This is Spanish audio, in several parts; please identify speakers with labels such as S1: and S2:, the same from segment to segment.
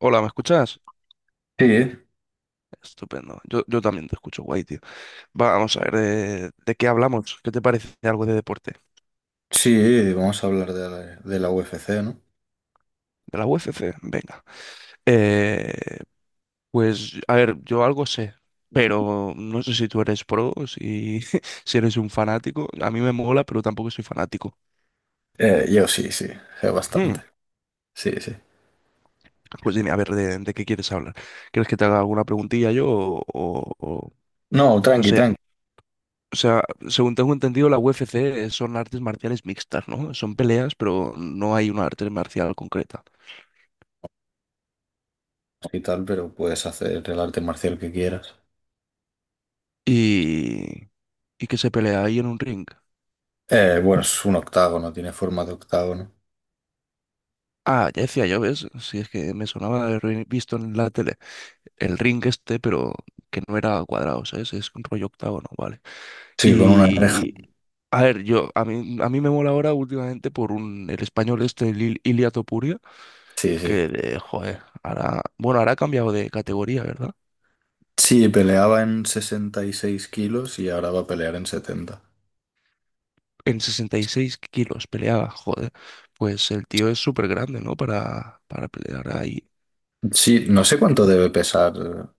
S1: Hola, ¿me escuchas?
S2: Sí,
S1: Estupendo. Yo también te escucho, guay, tío. Vamos a ver, ¿de qué hablamos? ¿Qué te parece algo de deporte?
S2: sí, vamos a hablar de la UFC, ¿no?
S1: ¿De la UFC? Venga. Eh, pues, a ver, yo algo sé, pero no sé si tú eres pro, si, si eres un fanático. A mí me mola, pero tampoco soy fanático.
S2: Yo sí, sí, sé
S1: Hmm,
S2: bastante. Sí, sí.
S1: Pues dime, a ver, ¿de qué quieres hablar? ¿Quieres que te haga alguna preguntilla yo o
S2: No,
S1: no
S2: tranqui,
S1: sé?
S2: tranqui
S1: O sea, según tengo entendido, la UFC son artes marciales mixtas, ¿no? Son peleas, pero no hay una arte marcial concreta.
S2: y tal, pero puedes hacer el arte marcial que quieras.
S1: Y, y que se pelea ahí en un ring.
S2: Bueno, es un octágono, no tiene forma de octágono.
S1: Ah, ya decía yo, ¿ves? Si es que me sonaba de haber visto en la tele el ring este, pero que no era cuadrado, ¿sabes? Es un rollo octágono, vale.
S2: Sí, con una reja.
S1: Y, a ver, yo, a mí me mola ahora últimamente por el español este, el Ilia Topuria,
S2: Sí, sí.
S1: que, de, joder, ahora, bueno, ahora ha cambiado de categoría, ¿verdad?
S2: Sí, peleaba en 66 kilos y ahora va a pelear en 70.
S1: En 66 kilos peleaba, joder. Pues el tío es súper grande, ¿no? Para pelear ahí.
S2: Sí, no sé cuánto debe pesar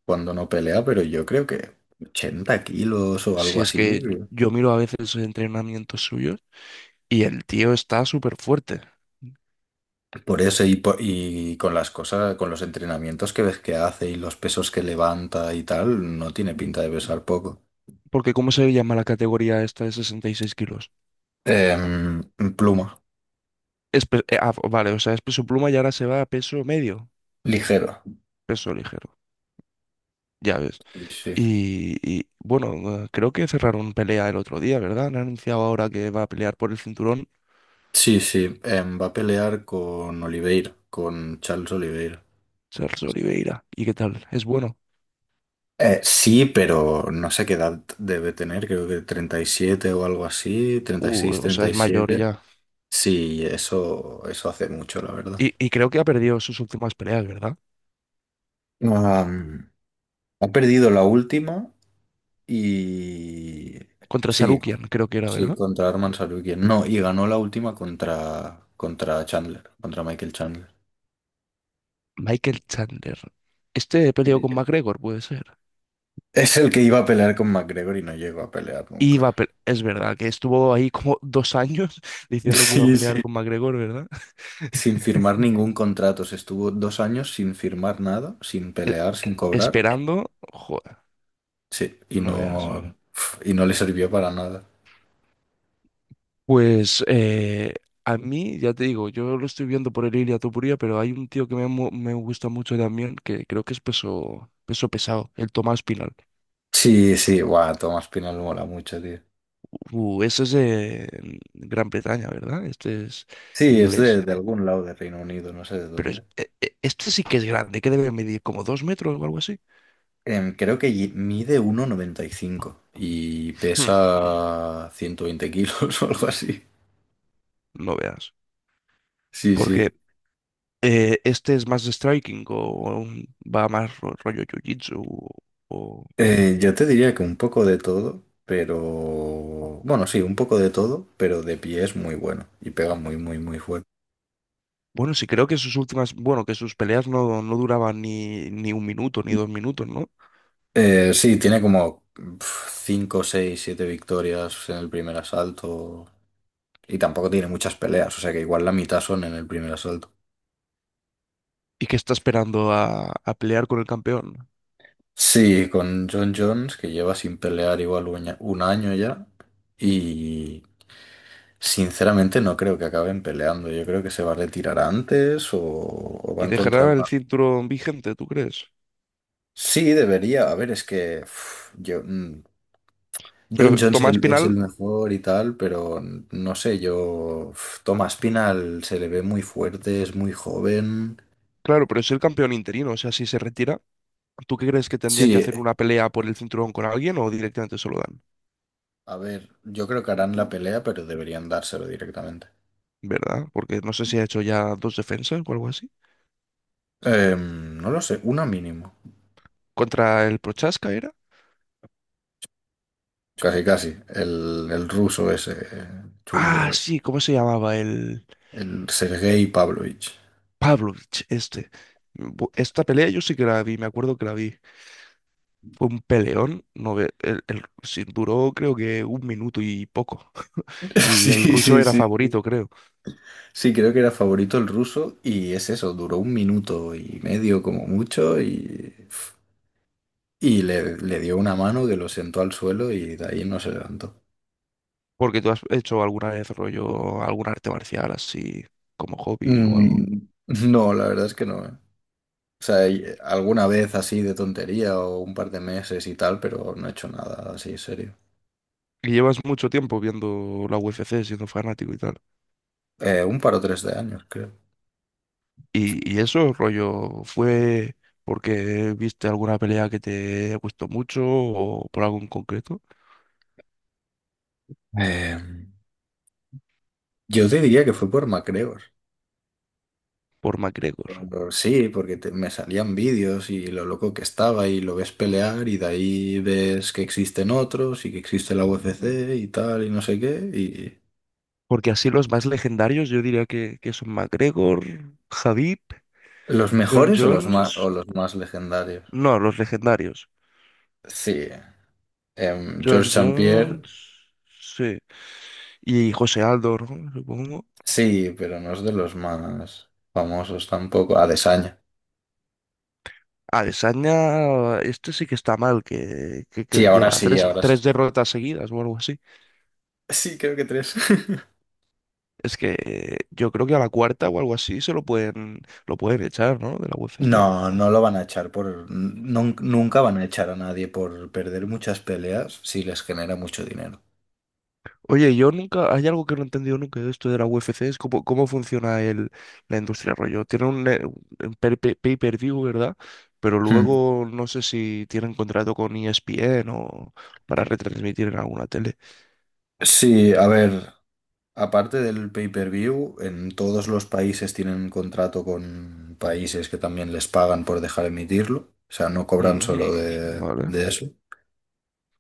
S2: cuando no pelea, pero yo creo que 80 kilos o algo
S1: Si es
S2: así.
S1: que yo miro a veces entrenamientos suyos y el tío está súper fuerte.
S2: Por eso y, y con las cosas, con los entrenamientos que ves que hace y los pesos que levanta y tal, no tiene pinta de pesar poco.
S1: Porque ¿cómo se llama la categoría esta de 66 kilos?
S2: Em, Pluma,
S1: Es vale, o sea, es peso pluma y ahora se va a peso
S2: ligero.
S1: peso ligero, ya ves.
S2: Sí,
S1: Y bueno, creo que cerraron pelea el otro día, ¿verdad? Han anunciado ahora que va a pelear por el cinturón
S2: sí, sí. Va a pelear con Oliveira, con Charles Oliveira.
S1: Charles Oliveira. ¿Y qué tal? Es bueno.
S2: Sí, pero no sé qué edad debe tener, creo que 37 o algo así, 36
S1: O sea,
S2: treinta y
S1: es mayor
S2: siete
S1: ya.
S2: Sí, eso hace mucho, la verdad.
S1: Y creo que ha perdido sus últimas peleas, ¿verdad?
S2: Ah, ha perdido la última. Y
S1: Contra
S2: sí,
S1: Sarukian, creo que era,
S2: sí,
S1: ¿verdad?
S2: contra Arman Sarukian. No, y ganó la última contra, contra Chandler, contra Michael Chandler.
S1: Michael Chandler. Este peleó con McGregor, puede ser.
S2: Es el que iba a pelear con McGregor y no llegó a pelear
S1: Y
S2: nunca.
S1: Es verdad que estuvo ahí como dos años diciendo que iba a
S2: Sí, sí.
S1: pelear con McGregor, ¿verdad?
S2: Sin firmar ningún contrato. Se estuvo 2 años sin firmar nada, sin
S1: E-
S2: pelear, sin cobrar.
S1: Esperando. Joder,
S2: Sí,
S1: no veas.
S2: y no le sirvió para nada.
S1: Pues a mí, ya te digo, yo lo estoy viendo por el Ilia Topuria, pero hay un tío que me gusta mucho también, que creo que es peso pesado, el Tomás Pinal.
S2: Sí, sí, guau, Tomás Pinal mola mucho, tío.
S1: Eso es de Gran Bretaña, ¿verdad? Este es
S2: Sí, es
S1: inglés.
S2: de algún lado de Reino Unido, no sé de
S1: Pero
S2: dónde.
S1: este sí que es grande, que debe medir como dos metros o algo así.
S2: Creo que mide 1,95 y pesa
S1: Hmm,
S2: 120 kilos o algo así.
S1: no veas.
S2: Sí,
S1: Porque
S2: sí.
S1: este es más de striking o va más rollo jiu-jitsu. O-
S2: Yo te diría que un poco de todo, pero... Bueno, sí, un poco de todo, pero de pie es muy bueno y pega muy, muy, muy fuerte.
S1: Bueno, sí, creo que sus últimas. Bueno, que sus peleas no duraban ni un minuto ni dos minutos, ¿no?
S2: Sí, tiene como 5 6 7 victorias en el primer asalto y tampoco tiene muchas peleas, o sea que igual la mitad son en el primer asalto.
S1: Y que está esperando a pelear con el campeón.
S2: Sí, con John Jones, que lleva sin pelear igual 1 año 1 año ya. Y sinceramente no creo que acaben peleando. Yo creo que se va a retirar antes o va
S1: ¿Y
S2: a encontrar
S1: dejará el
S2: una...
S1: cinturón vigente, tú crees?
S2: Sí, debería. A ver, es que uf, yo, mm, John
S1: Pero
S2: Jones
S1: Tomás
S2: es el
S1: Pinal
S2: mejor y tal, pero no sé, yo... uf, Thomas Pinal se le ve muy fuerte, es muy joven.
S1: Claro, pero es el campeón interino, o sea, si se retira, ¿tú qué crees que tendría que
S2: Sí,
S1: hacer una pelea por el cinturón con alguien o directamente se lo dan?
S2: a ver, yo creo que harán la pelea, pero deberían dárselo directamente.
S1: ¿Verdad? Porque no sé si ha hecho ya dos defensas o algo así.
S2: No lo sé, una mínimo.
S1: ¿Contra el Prochaska era?
S2: Casi, casi. El ruso ese
S1: Ah,
S2: chungo.
S1: sí, ¿cómo se llamaba? El
S2: El Sergei Pavlovich.
S1: Pavlovich, este. Esta pelea yo sí que la vi, me acuerdo que la vi. Fue un peleón, no ve- el- sí, duró creo que un minuto y poco. Y
S2: Sí,
S1: el ruso
S2: sí,
S1: era
S2: sí.
S1: favorito, creo.
S2: Sí, creo que era favorito el ruso y es eso, duró un minuto y medio como mucho y, le dio una mano que lo sentó al suelo y de ahí no se levantó.
S1: Porque tú has hecho alguna vez rollo, algún arte marcial así como hobby o algo.
S2: Mm, no, la verdad es que no. O sea, alguna vez así de tontería o un par de meses y tal, pero no he hecho nada así serio.
S1: Y llevas mucho tiempo viendo la UFC, siendo fanático y tal.
S2: Un par o tres de años, creo.
S1: Y eso, rollo, ¿fue porque viste alguna pelea que te gustó mucho o por algo en concreto?
S2: Eh, yo te diría que fue por MacGregor.
S1: Por McGregor.
S2: Pero sí, porque me salían vídeos y lo loco que estaba y lo ves pelear y de ahí ves que existen otros y que existe la UFC y tal y no sé qué y
S1: Porque así los más legendarios yo diría que son McGregor, Khabib,
S2: los
S1: John
S2: mejores
S1: Jones.
S2: o los más legendarios.
S1: No, los legendarios.
S2: Sí, George
S1: John
S2: Saint Pierre,
S1: Jones, sí. Y José Aldo, ¿no? Supongo.
S2: sí, pero no es de los más famosos tampoco. Adesanya.
S1: Adesanya, este sí que está mal,
S2: Sí, ahora
S1: lleva
S2: sí, ahora sí.
S1: tres derrotas seguidas o algo así.
S2: Sí, creo que tres.
S1: Es que yo creo que a la cuarta o algo así se lo lo pueden echar, ¿no? De la UFC.
S2: No, no lo van a echar por... nunca van a echar a nadie por perder muchas peleas si les genera mucho dinero.
S1: Oye, yo nunca, hay algo que no he entendido nunca de esto de la UFC, es cómo funciona la industria rollo. Tienen un pay-per-view, ¿verdad? Pero
S2: Hmm.
S1: luego no sé si tienen contrato con ESPN o para retransmitir en alguna tele.
S2: Sí, a ver, aparte del pay-per-view, en todos los países tienen contrato con países que también les pagan por dejar emitirlo, o sea, no cobran
S1: Ujú.
S2: solo, sí,
S1: Vale.
S2: de eso.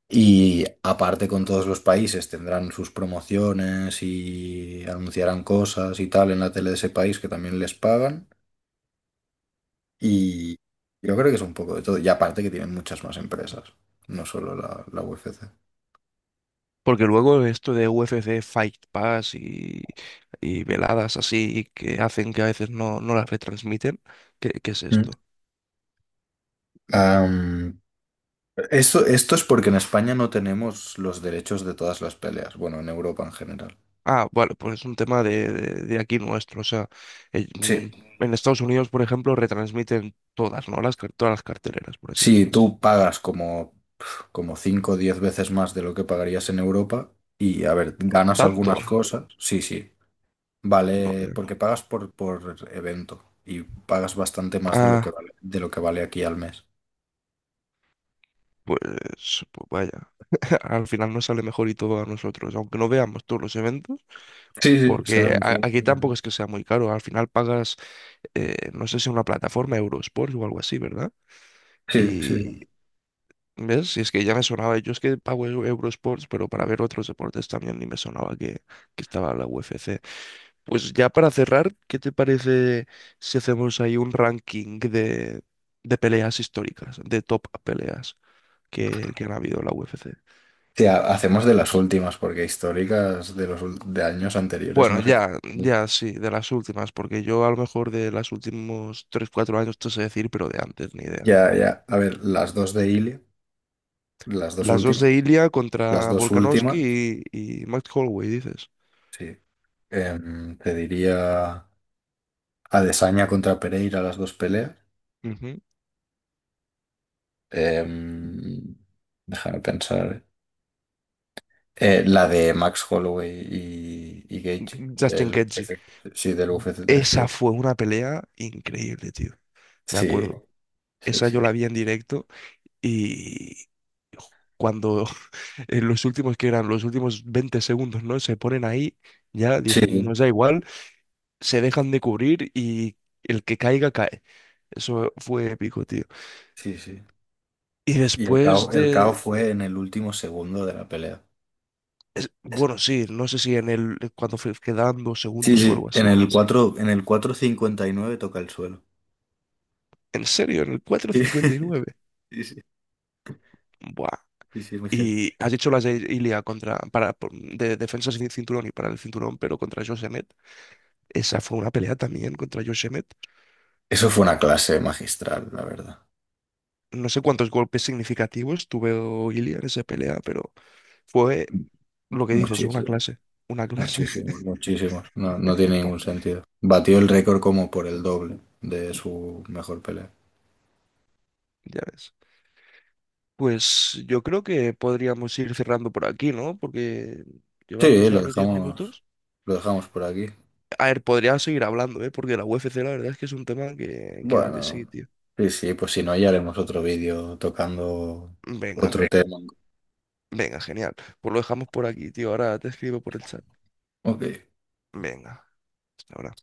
S2: Y aparte con todos los países tendrán sus promociones y anunciarán cosas y tal en la tele de ese país que también les pagan. Y yo creo que es un poco de todo. Y aparte que tienen muchas más empresas, no solo la UFC.
S1: Porque luego esto de UFC Fight Pass y veladas así que hacen que a veces no las retransmiten, qué es
S2: Mm.
S1: esto?
S2: Am, Esto, esto es porque en España no tenemos los derechos de todas las peleas, bueno, en Europa en general.
S1: Ah, vale, pues es un tema de, de aquí nuestro. O sea, eh,
S2: Sí.
S1: mm, en Estados Unidos, por ejemplo, retransmiten todas, ¿no? Todas las carteleras, por así
S2: Sí,
S1: decirlo.
S2: tú pagas como, como 5 o 10 veces más de lo que pagarías en Europa y, a ver, ganas
S1: ¿Tanto?
S2: algunas cosas. Sí, sí.
S1: No
S2: Vale,
S1: veo.
S2: porque pagas por evento y pagas bastante más de lo que
S1: Ah,
S2: vale, de lo que vale aquí al mes.
S1: pues, pues vaya. Al final nos sale mejor y todo a nosotros, aunque no veamos todos los eventos,
S2: Sí, sí,
S1: porque
S2: serán...
S1: aquí tampoco es que sea muy caro. Al final pagas, no sé si una plataforma, Eurosport o algo así, ¿verdad?
S2: Sí, sí.
S1: ¿Ves? Si es que ya me sonaba, yo es que pago Eurosports, pero para ver otros deportes también ni me sonaba que estaba la UFC. Pues ya para cerrar, ¿qué te parece si hacemos ahí un ranking de peleas históricas, de top peleas que han habido en la UFC?
S2: Sí, hacemos de las últimas, porque históricas de los de años anteriores
S1: Bueno,
S2: no sé qué.
S1: ya sí, de las últimas, porque yo a lo mejor de los últimos tres cuatro años te sé decir, pero de antes ni idea.
S2: Ya, ya. A ver, las dos de Ilia, las dos
S1: Las dos
S2: últimas,
S1: de Ilia
S2: las
S1: contra
S2: dos últimas,
S1: Volkanovski y Max Holloway, dices.
S2: sí. Te diría Adesanya contra Pereira, las dos peleas.
S1: Ujú.
S2: Em, Déjame pensar. La de Max Holloway y Gaethje,
S1: Justin
S2: del
S1: Gaethje.
S2: UFC, sí, del UFC
S1: Esa
S2: 300.
S1: fue una pelea increíble, tío. Me
S2: Sí,
S1: acuerdo.
S2: sí,
S1: Esa yo
S2: sí.
S1: la vi en directo y cuando en los últimos que eran los últimos 20 segundos, ¿no? Se ponen ahí, ya dicen,
S2: Sí,
S1: nos da igual, se dejan de cubrir y el que caiga cae. Eso fue épico, tío.
S2: sí, sí.
S1: Y
S2: Y
S1: después
S2: el
S1: de
S2: caos fue en el último segundo de la pelea.
S1: bueno, sí, no sé si en el quedaban dos
S2: Sí,
S1: segundos o
S2: sí,
S1: algo
S2: en
S1: así.
S2: el 4, en el 4:59 toca el suelo.
S1: ¿En serio? ¿En el cuatro cincuenta y nueve
S2: Sí, sí,
S1: Buah.
S2: sí, sí, es muy heavy.
S1: Y has dicho las de Ilia de defensa sin cinturón y para el cinturón, pero contra Josh Emmett. Esa fue una pelea también contra Josh Emmett.
S2: Eso fue una clase magistral, la verdad.
S1: No sé cuántos golpes significativos tuvo Ilia en esa pelea, pero fue lo que dices, una
S2: Muchísimo,
S1: clase. Una clase,
S2: muchísimo, muchísimos. No, no tiene ningún sentido. Batió el récord como por el doble de su mejor pelea.
S1: ya ves. Pues yo creo que podríamos ir cerrando por aquí, ¿no? Porque llevamos
S2: Sí,
S1: ya los 10 minutos.
S2: lo dejamos por aquí.
S1: A ver, podría seguir hablando, ¿eh? Porque la UFC la verdad es que es un tema que da de sí,
S2: Bueno,
S1: tío.
S2: sí, sí, pues si no, ya haremos otro vídeo tocando
S1: Venga,
S2: otro tema.
S1: venga, genial. Pues lo dejamos por aquí, tío. Ahora te escribo por el chat.
S2: Ok.
S1: Venga, hasta ahora.